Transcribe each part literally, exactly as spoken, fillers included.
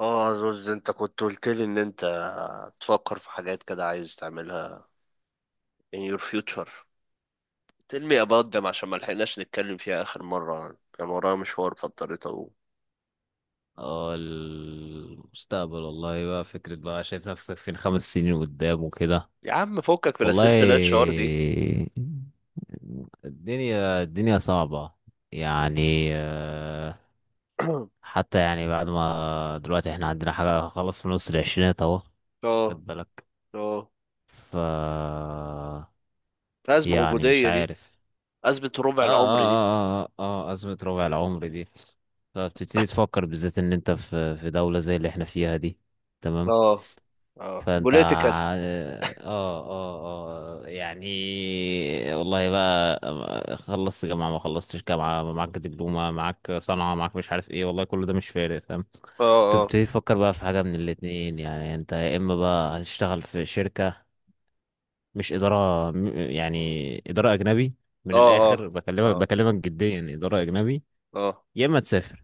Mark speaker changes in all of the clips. Speaker 1: اه زوز انت كنت قلت لي ان انت تفكر في حاجات كده عايز تعملها in your future tell me about them عشان ما لحقناش نتكلم فيها اخر مرة كان ورايا مشوار فاضطريت اقوم.
Speaker 2: اه، المستقبل، والله بقى فكرة. بقى شايف نفسك فين خمس سنين قدام وكده؟
Speaker 1: يا عم فكك من
Speaker 2: والله
Speaker 1: اسئلة الاتش ار دي.
Speaker 2: الدنيا الدنيا صعبة يعني آه، حتى يعني بعد ما دلوقتي احنا عندنا حاجة خلاص في نص العشرينات اهو،
Speaker 1: اه،
Speaker 2: خد بالك.
Speaker 1: اه،
Speaker 2: ف
Speaker 1: ازمة
Speaker 2: يعني مش
Speaker 1: وجودية دي.
Speaker 2: عارف.
Speaker 1: ازمة ربع
Speaker 2: اه
Speaker 1: العمر دي.
Speaker 2: اه اه اه اه آه، أزمة ربع العمر دي. فبتبتدي تفكر بالذات ان انت في في دولة زي اللي احنا فيها دي. تمام.
Speaker 1: اه، اه،
Speaker 2: فانت
Speaker 1: بوليتيكال.
Speaker 2: ع- اه اه اه يعني، والله بقى خلصت جامعة، ما خلصتش جامعة، معاك دبلومة، معاك صنعة، معاك مش عارف ايه، والله كل ده مش فارق، فاهم؟
Speaker 1: اه، اه،
Speaker 2: تبتدي تفكر بقى في حاجة من الاتنين. يعني انت يا اما بقى هتشتغل في شركة، مش إدارة، م- يعني إدارة أجنبي. من
Speaker 1: اه، اه،
Speaker 2: الآخر، بكلمك
Speaker 1: اه،
Speaker 2: بكلمك جديا، إدارة أجنبي.
Speaker 1: اه.
Speaker 2: يا اما تسافر.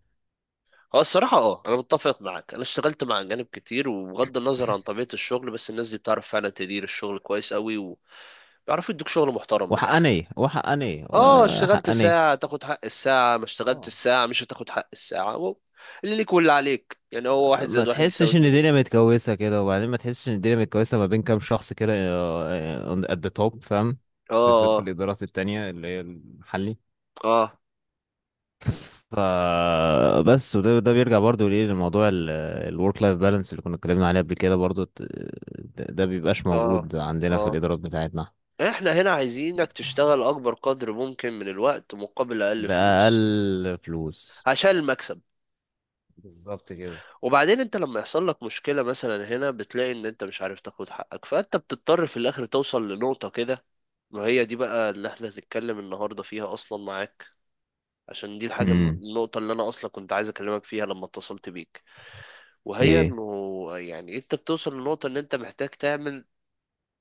Speaker 1: هو الصراحة اه أنا متفق معاك. أنا اشتغلت مع أجانب كتير، وبغض النظر عن طبيعة الشغل بس الناس دي بتعرف فعلا تدير الشغل كويس قوي. بيعرفوا يدوك شغل محترم من الاخر.
Speaker 2: وحقانية، وحقانية،
Speaker 1: اه، اشتغلت
Speaker 2: وحقانية.
Speaker 1: ساعة تاخد حق الساعة، ما اشتغلت
Speaker 2: اه.
Speaker 1: الساعة مش هتاخد حق الساعة. هو اللي ليك واللي عليك، يعني هو واحد
Speaker 2: ما
Speaker 1: زائد واحد يساوي
Speaker 2: تحسش ان
Speaker 1: اتنين.
Speaker 2: الدنيا متكوسه كده؟ وبعدين ما تحسش ان الدنيا متكوسه ما بين كام شخص كده، ات ذا توب، فاهم؟ بالذات في
Speaker 1: اه،
Speaker 2: الادارات التانية اللي هي المحلي.
Speaker 1: اه،
Speaker 2: ف بس، وده ده بيرجع برضو ليه لموضوع الورك لايف بالانس اللي كنا اتكلمنا عليه قبل كده برضو ت- ده ده بيبقاش
Speaker 1: اه،
Speaker 2: موجود عندنا
Speaker 1: اه،
Speaker 2: في الادارات بتاعتنا.
Speaker 1: احنا هنا عايزينك تشتغل اكبر قدر ممكن من الوقت مقابل اقل فلوس.
Speaker 2: بأقل فلوس.
Speaker 1: عشان المكسب.
Speaker 2: بالظبط كده.
Speaker 1: وبعدين انت لما يحصل لك مشكلة مثلا هنا بتلاقي ان انت مش عارف تاخد حقك، فانت بتضطر في الاخر توصل لنقطة كده. ما هي دي بقى اللي احنا هنتكلم النهاردة فيها اصلا معاك. عشان دي الحاجة
Speaker 2: امم.
Speaker 1: النقطة اللي أنا أصلا كنت عايز أكلمك فيها لما اتصلت بيك. وهي
Speaker 2: ايه.
Speaker 1: إنه يعني أنت بتوصل لنقطة إن أنت محتاج تعمل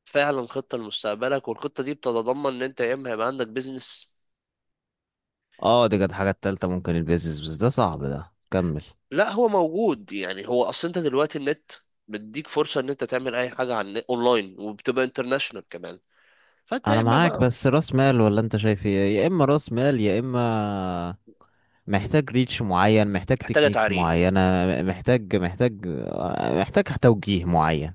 Speaker 1: فعلا خطة لمستقبلك، والخطة دي بتتضمن إن أنت يا إما هيبقى عندك بيزنس.
Speaker 2: اه، دي كانت حاجة التالتة. ممكن البيزنس، بس ده صعب. ده كمل.
Speaker 1: لا، هو موجود. يعني هو أصل أنت دلوقتي النت بيديك فرصة إن أنت تعمل أي حاجة عن أونلاين، وبتبقى انترناشونال كمان. فأنت يا
Speaker 2: انا
Speaker 1: إما
Speaker 2: معاك،
Speaker 1: بقى
Speaker 2: بس راس مال ولا انت شايف ايه؟ يا اما راس مال، يا اما محتاج ريتش معين، محتاج
Speaker 1: محتاجة
Speaker 2: تكنيكس
Speaker 1: تعريق.
Speaker 2: معينة. محتاج محتاج محتاج توجيه معين.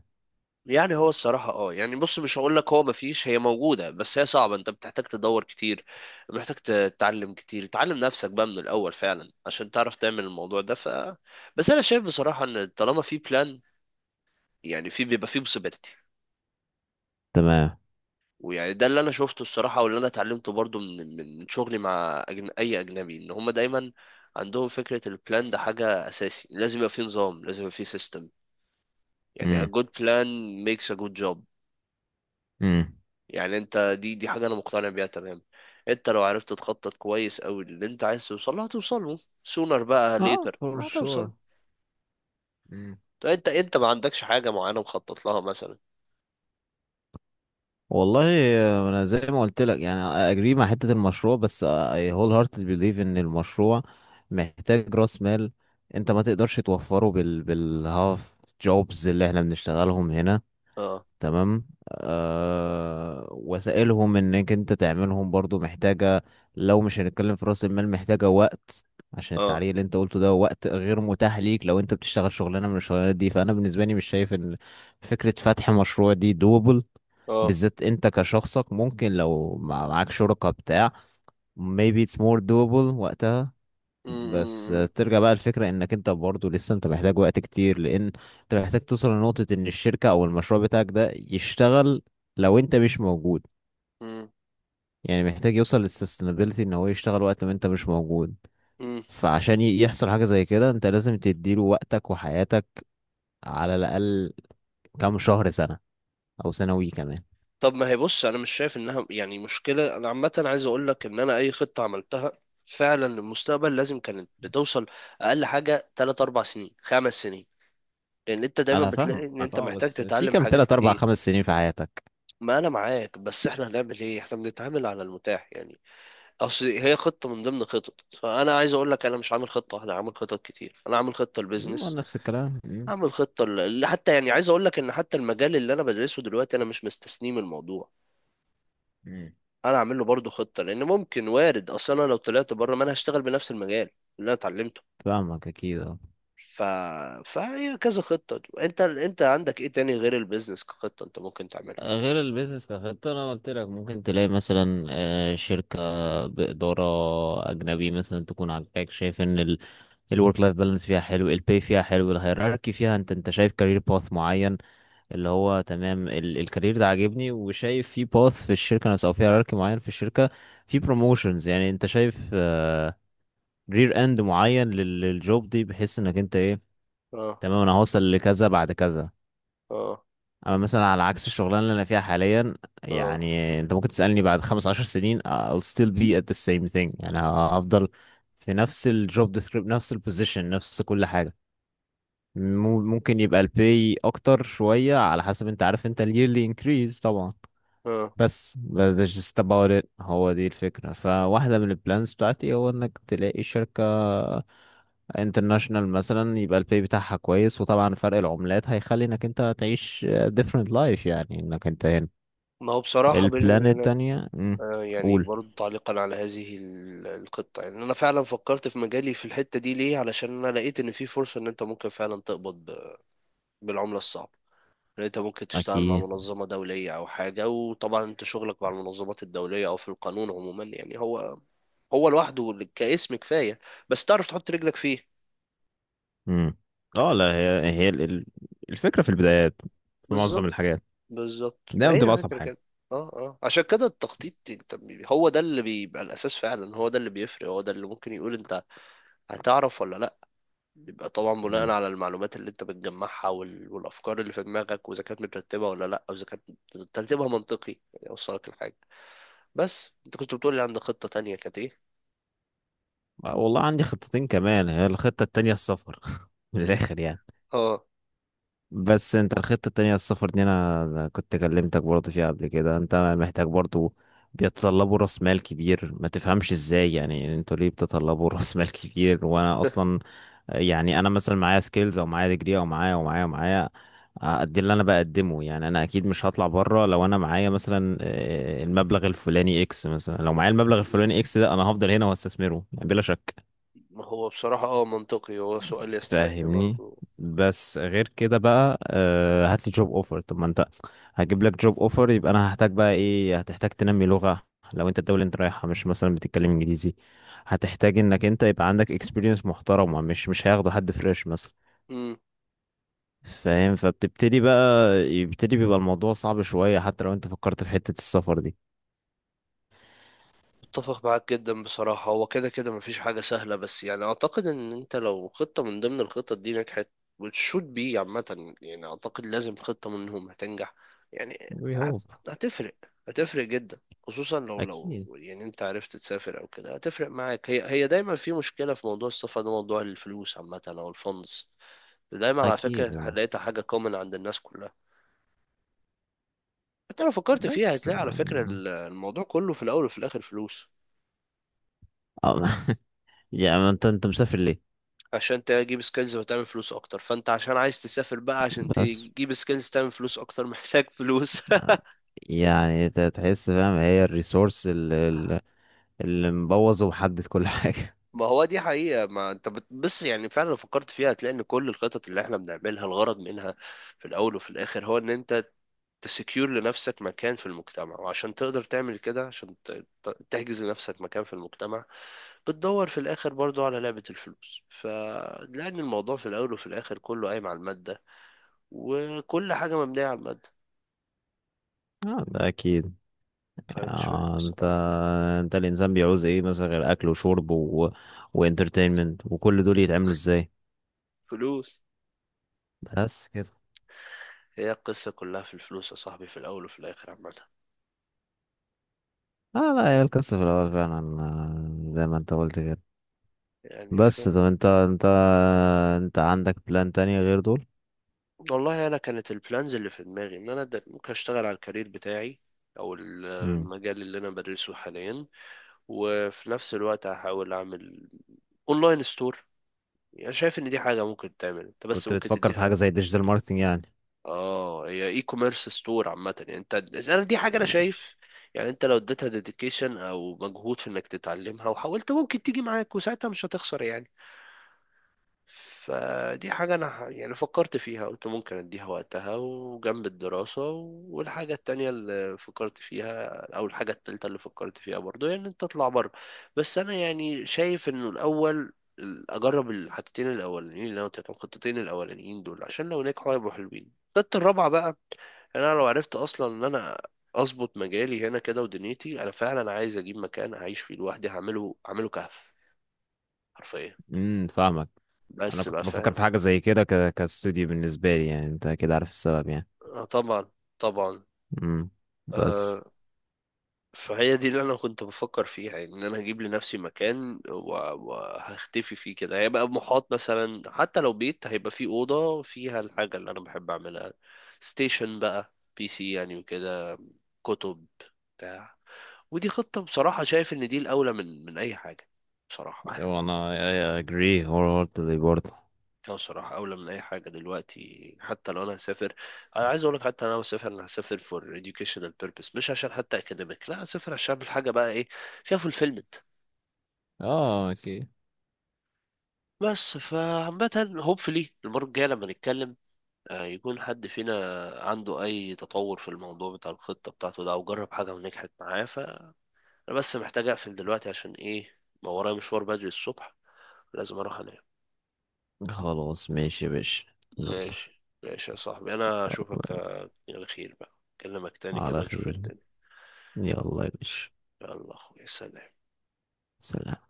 Speaker 1: يعني هو الصراحة اه يعني بص، مش هقول لك هو مفيش، هي موجودة بس هي صعبة. انت بتحتاج تدور كتير، محتاج تتعلم كتير، تعلم نفسك بقى من الأول فعلا عشان تعرف تعمل الموضوع ده. ف بس أنا شايف بصراحة إن طالما في بلان، يعني في بيبقى في possibility.
Speaker 2: تمام.
Speaker 1: ويعني ده اللي أنا شفته الصراحة واللي أنا اتعلمته برضو من من من شغلي مع أجن... أي أجنبي، إن هما دايما عندهم فكرة البلان ده حاجة أساسي. لازم يبقى في نظام، لازم يبقى في سيستم. يعني a
Speaker 2: امم.
Speaker 1: good plan makes a good job.
Speaker 2: امم.
Speaker 1: يعني انت دي دي حاجه انا مقتنع بيها تمام. انت لو عرفت تخطط كويس قوي، اللي انت عايز توصل له هتوصل له سونر بقى
Speaker 2: اه،
Speaker 1: ليتر
Speaker 2: فور
Speaker 1: ما
Speaker 2: شور.
Speaker 1: هتوصل. طب انت انت ما عندكش حاجه معينه مخطط لها مثلا؟
Speaker 2: والله آه، انا زي ما قلت لك يعني، اجري مع حتة المشروع، بس اي هول هارتد بليف ان المشروع محتاج راس مال. انت ما تقدرش توفره بال بالهاف جوبز اللي احنا بنشتغلهم هنا.
Speaker 1: اه،
Speaker 2: تمام. آه وسائلهم انك انت تعملهم برضو محتاجة، لو مش هنتكلم في رأس المال، محتاجة وقت. عشان
Speaker 1: اه،
Speaker 2: التعليق اللي انت قلته، ده وقت غير متاح ليك لو انت بتشتغل شغلانة من الشغلانات دي. فانا بالنسبة لي مش شايف ان فكرة فتح مشروع دي دوبل.
Speaker 1: اه،
Speaker 2: بالذات انت كشخصك، ممكن لو مع- معاك شركة بتاع maybe it's more doable وقتها. بس
Speaker 1: امم،
Speaker 2: ترجع بقى الفكرة انك انت برضه لسه انت محتاج وقت كتير، لان انت محتاج توصل لنقطة ان الشركة او المشروع بتاعك ده يشتغل لو انت مش موجود.
Speaker 1: امم،
Speaker 2: يعني محتاج يوصل للسستينابيلتي، ان هو يشتغل وقت ما انت مش موجود.
Speaker 1: امم.
Speaker 2: فعشان ي- يحصل حاجة زي كده، انت لازم تديله وقتك وحياتك، على الاقل كام شهر، سنة، او سنوي كمان.
Speaker 1: طب ما هي بص، انا مش شايف انها يعني مشكله. انا عامه عايز اقول لك ان انا اي خطه عملتها فعلا للمستقبل لازم كانت بتوصل اقل حاجه تلات اربع سنين، خمس سنين، لان انت دايما
Speaker 2: انا
Speaker 1: بتلاقي
Speaker 2: فاهمك.
Speaker 1: ان انت
Speaker 2: اه،
Speaker 1: محتاج
Speaker 2: بس في
Speaker 1: تتعلم
Speaker 2: كام
Speaker 1: حاجات
Speaker 2: تلات اربع
Speaker 1: كتير.
Speaker 2: خمس سنين في حياتك؟
Speaker 1: ما انا معاك، بس احنا هنعمل ايه؟ احنا بنتعامل على المتاح يعني. اصل هي خطة من ضمن خطط، فانا عايز اقول لك انا مش عامل خطة، انا عامل خطط كتير. انا عامل خطة
Speaker 2: مم،
Speaker 1: للبيزنس،
Speaker 2: نفس الكلام مم.
Speaker 1: عامل خطة ل... حتى يعني عايز اقول لك ان حتى المجال اللي انا بدرسه دلوقتي انا مش مستثنيه من الموضوع،
Speaker 2: مم.
Speaker 1: انا عامل له برضه خطة. لان ممكن وارد اصل انا لو طلعت بره ما انا هشتغل بنفس المجال اللي انا اتعلمته.
Speaker 2: فاهمك اكيد آه.
Speaker 1: ف... فهي كذا خطة. انت انت عندك ايه تاني غير البيزنس كخطة انت ممكن تعملها؟
Speaker 2: غير البيزنس كخطة، أنا قلت لك ممكن تلاقي مثلا، آه، شركة بإدارة أجنبي مثلا، تكون عاجباك، شايف إن الورك لايف بالانس فيها حلو، الباي فيها حلو، الهيراركي فيها، أنت أنت شايف كارير باث معين، اللي هو تمام، الكارير ده عاجبني، وشايف في باث في الشركة نفسها أو في هيراركي معين في الشركة، في بروموشنز، يعني أنت شايف رير إند معين لل- للجوب دي، بحيث إنك أنت إيه،
Speaker 1: اه،
Speaker 2: تمام، أنا هوصل لكذا بعد كذا.
Speaker 1: اه،
Speaker 2: اما مثلا على عكس الشغلانه اللي انا فيها حاليا،
Speaker 1: اه،
Speaker 2: يعني انت ممكن تسالني بعد خمس عشر سنين I'll still be at the same thing. يعني هفضل في نفس الجوب ديسكريب، نفس البوزيشن، نفس كل حاجه. مم- ممكن يبقى البي اكتر شويه، على حسب، انت عارف انت yearly increase طبعا.
Speaker 1: اه.
Speaker 2: بس that's just about it. هو دي الفكرة. فواحدة من البلانز بتاعتي هو انك تلاقي شركة international مثلا، يبقى البي بتاعها كويس، وطبعا فرق العملات هيخلي انك انت تعيش different life يعني انك انت هنا.
Speaker 1: ما هو بصراحة بيني
Speaker 2: البلان
Speaker 1: وبينك،
Speaker 2: التانية مم،
Speaker 1: آه، يعني
Speaker 2: قول.
Speaker 1: برضو تعليقا على هذه ال- القطة، يعني أنا فعلا فكرت في مجالي في الحتة دي ليه، علشان أنا لقيت إن في فرصة إن أنت ممكن فعلا تقبض ب- بالعملة الصعبة. إن أنت ممكن تشتغل مع
Speaker 2: اكيد.
Speaker 1: منظمة دولية أو حاجة، وطبعا أنت شغلك مع المنظمات الدولية أو في القانون عموما، يعني هو هو لوحده كاسم كفاية، بس تعرف تحط رجلك فيه.
Speaker 2: مم. اه لا، هي هي ال- ال- الفكرة في البدايات، في معظم
Speaker 1: بالظبط.
Speaker 2: الحاجات،
Speaker 1: بالظبط ما
Speaker 2: دايما
Speaker 1: هي
Speaker 2: بتبقى اصعب
Speaker 1: الفكرة
Speaker 2: حاجة.
Speaker 1: كده. اه، اه، عشان كده التخطيط، انت بي- هو ده اللي بيبقى الاساس فعلا، هو ده اللي بيفرق، هو ده اللي ممكن يقول انت هتعرف ولا. بيبقى طبعا بناء
Speaker 2: مم.
Speaker 1: على المعلومات اللي انت بتجمعها، وال... والافكار اللي في دماغك، واذا كانت مترتبه ولا لا، او اذا كانت ترتيبها منطقي يعني اوصلك لحاجه. بس انت كنت بتقول لي عندك خطه تانية، كانت ايه؟
Speaker 2: والله عندي خطتين كمان. هي الخطة التانية السفر من الاخر يعني.
Speaker 1: اه.
Speaker 2: بس انت الخطة التانية السفر دي، انا أنا كنت كلمتك برضه فيها قبل كده. انت محتاج برضه، بيتطلبوا راس مال كبير. ما تفهمش ازاي يعني انتوا ليه بتطلبوا راس مال كبير وانا اصلا، يعني انا مثلا معايا سكيلز، او معايا ديجري، او معايا ومعايا ومعايا، قد اللي انا بقدمه. يعني انا اكيد مش هطلع بره لو انا معايا مثلا آه، المبلغ الفلاني اكس. مثلا لو معايا المبلغ الفلاني اكس ده، انا هفضل هنا واستثمره يعني، بلا شك.
Speaker 1: ما هو بصراحه اه منطقي، هو سؤال يستحق
Speaker 2: فاهمني؟
Speaker 1: برضو.
Speaker 2: بس غير كده بقى، آه، هات لي جوب اوفر. طب ما انت هجيب لك جوب اوفر، يبقى انا هحتاج بقى ايه؟ هتحتاج تنمي لغة، لو انت الدولة اللي انت رايحها مش مثلا بتتكلم انجليزي، هتحتاج انك انت يبقى عندك اكسبيرينس محترمة. مش مش هياخده حد فريش مثلا. فاهم، فبتبتدي بقى، يبتدي بيبقى الموضوع صعب شوية حتى لو انت فكرت في حتة السفر دي.
Speaker 1: اتفق معاك جدا بصراحة. هو كده كده مفيش حاجة سهلة، بس يعني أعتقد إن أنت لو خطة من ضمن الخطط دي نجحت وتشوت بي عامة، يعني أعتقد لازم خطة منهم هتنجح. يعني
Speaker 2: وي
Speaker 1: هت...
Speaker 2: هوب.
Speaker 1: هتفرق. هتفرق جدا. خصوصا لو لو
Speaker 2: اكيد،
Speaker 1: يعني أنت عرفت تسافر أو كده هتفرق معاك. هي هي دايما في مشكلة في موضوع السفر ده، موضوع الفلوس عامة أو الفندس. دايما على
Speaker 2: اكيد
Speaker 1: فكرة
Speaker 2: آه.
Speaker 1: لقيتها حاجة كومن عند الناس كلها. حتى لو فكرت فيها
Speaker 2: بس.
Speaker 1: هتلاقي على فكرة
Speaker 2: آه،
Speaker 1: الموضوع كله في الأول وفي الآخر فلوس.
Speaker 2: آه، يعني انت انت مسافر ليه؟
Speaker 1: عشان تجيب سكيلز وتعمل فلوس اكتر، فانت عشان عايز تسافر بقى عشان
Speaker 2: بس
Speaker 1: تجيب سكيلز تعمل فلوس اكتر، محتاج فلوس.
Speaker 2: يعني، انت تحس فاهم، هي الريسورس اللي, اللي مبوظ ومحدد كل حاجة.
Speaker 1: ما هو دي حقيقة. ما انت بت- بس يعني فعلا لو فكرت فيها هتلاقي ان كل الخطط اللي احنا بنعملها الغرض منها في الاول وفي الاخر هو ان انت تسكيور لنفسك مكان في المجتمع. وعشان تقدر تعمل كده، عشان ت- ت- تحجز لنفسك مكان في المجتمع، بتدور في الاخر برضو على لعبة الفلوس. فلأن الموضوع في الاول وفي الاخر كله قايم على المادة، وكل حاجة مبنية على المادة.
Speaker 2: اه، ده اكيد.
Speaker 1: فمش فاهم
Speaker 2: يعني، انت
Speaker 1: بصراحة.
Speaker 2: انت الانسان بيعوز ايه مثلا غير اكل وشرب و... وانترتينمنت، وكل دول يتعملوا ازاي؟
Speaker 1: فلوس.
Speaker 2: بس كده.
Speaker 1: هي القصة كلها في الفلوس يا صاحبي، في الأول وفي الآخر عامة.
Speaker 2: اه لا، هي القصة في الاول فعلا، آه، زي ما انت قلت كده.
Speaker 1: يعني ف...
Speaker 2: بس طب انت انت انت عندك بلان تانية غير دول؟
Speaker 1: والله أنا كانت البلانز اللي في دماغي إن أنا د- ممكن أشتغل على الكارير بتاعي، أو ال-
Speaker 2: مم.
Speaker 1: المجال اللي أنا بدرسه حاليا. وفي نفس الوقت هحاول أعمل أونلاين ستور. يعني شايف إن دي حاجة ممكن تعمل أنت، بس
Speaker 2: كنت
Speaker 1: ممكن
Speaker 2: بتفكر في حاجة
Speaker 1: تديها.
Speaker 2: زي ديجيتال ماركتنج يعني؟
Speaker 1: آه، هي إي كوميرس ستور عامة يعني. أنت أنا دي حاجة أنا
Speaker 2: ماشي.
Speaker 1: شايف، يعني أنت لو اديتها ديديكيشن أو مجهود في إنك تتعلمها وحاولت، ممكن تيجي معاك وساعتها مش هتخسر يعني. فدي حاجة أنا ح- يعني فكرت فيها، قلت ممكن أديها وقتها وجنب الدراسة. والحاجة التانية اللي فكرت فيها، أو الحاجة التالتة اللي فكرت فيها برضو، هي إن أنت تطلع بره. بس أنا يعني شايف إنه الأول ال- أجرب الحاجتين الأولانيين اللي أنا قلت لك، الخطتين الأولانيين دول، عشان لو نجحوا هيبقوا حلوين. الخطة الرابعة بقى، يعني أنا لو عرفت أصلا إن أنا أظبط مجالي هنا كده ودنيتي، أنا فعلا عايز أجيب مكان أعيش فيه لوحدي. هعمله، هعمله كهف حرفيا.
Speaker 2: امم فاهمك. انا
Speaker 1: بس بقى
Speaker 2: كنت بفكر
Speaker 1: فاهم.
Speaker 2: في حاجه زي كده، ك... كاستوديو بالنسبه لي، يعني انت كده عارف السبب يعني.
Speaker 1: آه، طبعا. طبعا.
Speaker 2: امم. بس.
Speaker 1: آه، فهي دي اللي انا كنت بفكر فيها، يعني ان انا هجيب لنفسي مكان و- وهختفي فيه كده. هيبقى محاط مثلا، حتى لو بيت هيبقى فيه اوضه فيها الحاجه اللي انا بحب اعملها، ستيشن بقى بي سي يعني وكده، كتب، بتاع. ودي خطه بصراحه شايف ان دي الاولى من من اي حاجه بصراحه.
Speaker 2: وانا I agree wholeheartedly برضه.
Speaker 1: اه، صراحة أولى من أي حاجة دلوقتي. حتى لو أنا هسافر، أنا عايز أقولك حتى لو أنا هسافر، أنا هسافر for educational purpose، مش عشان حتى academic. لا، هسافر عشان أعمل حاجة بقى إيه فيها fulfillment.
Speaker 2: اه، اوكي.
Speaker 1: بس فعامة hopefully المرة الجاية لما نتكلم، آه، يكون حد فينا عنده أي تطور في الموضوع بتاع الخطة بتاعته ده، أو جرب حاجة ونجحت معاه. فأنا بس محتاج أقفل دلوقتي عشان إيه، ما ورايا مشوار بدري الصبح، لازم أروح أنام.
Speaker 2: خلاص ماشي يا باشا. يلا.
Speaker 1: ماشي ماشي يا صاحبي، أنا أشوفك
Speaker 2: يلا.
Speaker 1: آه، على خير بقى. أكلمك تاني كده
Speaker 2: على
Speaker 1: نشوف
Speaker 2: خير.
Speaker 1: الدنيا.
Speaker 2: يلا يا باشا.
Speaker 1: يلا اخويا، سلام.
Speaker 2: سلام.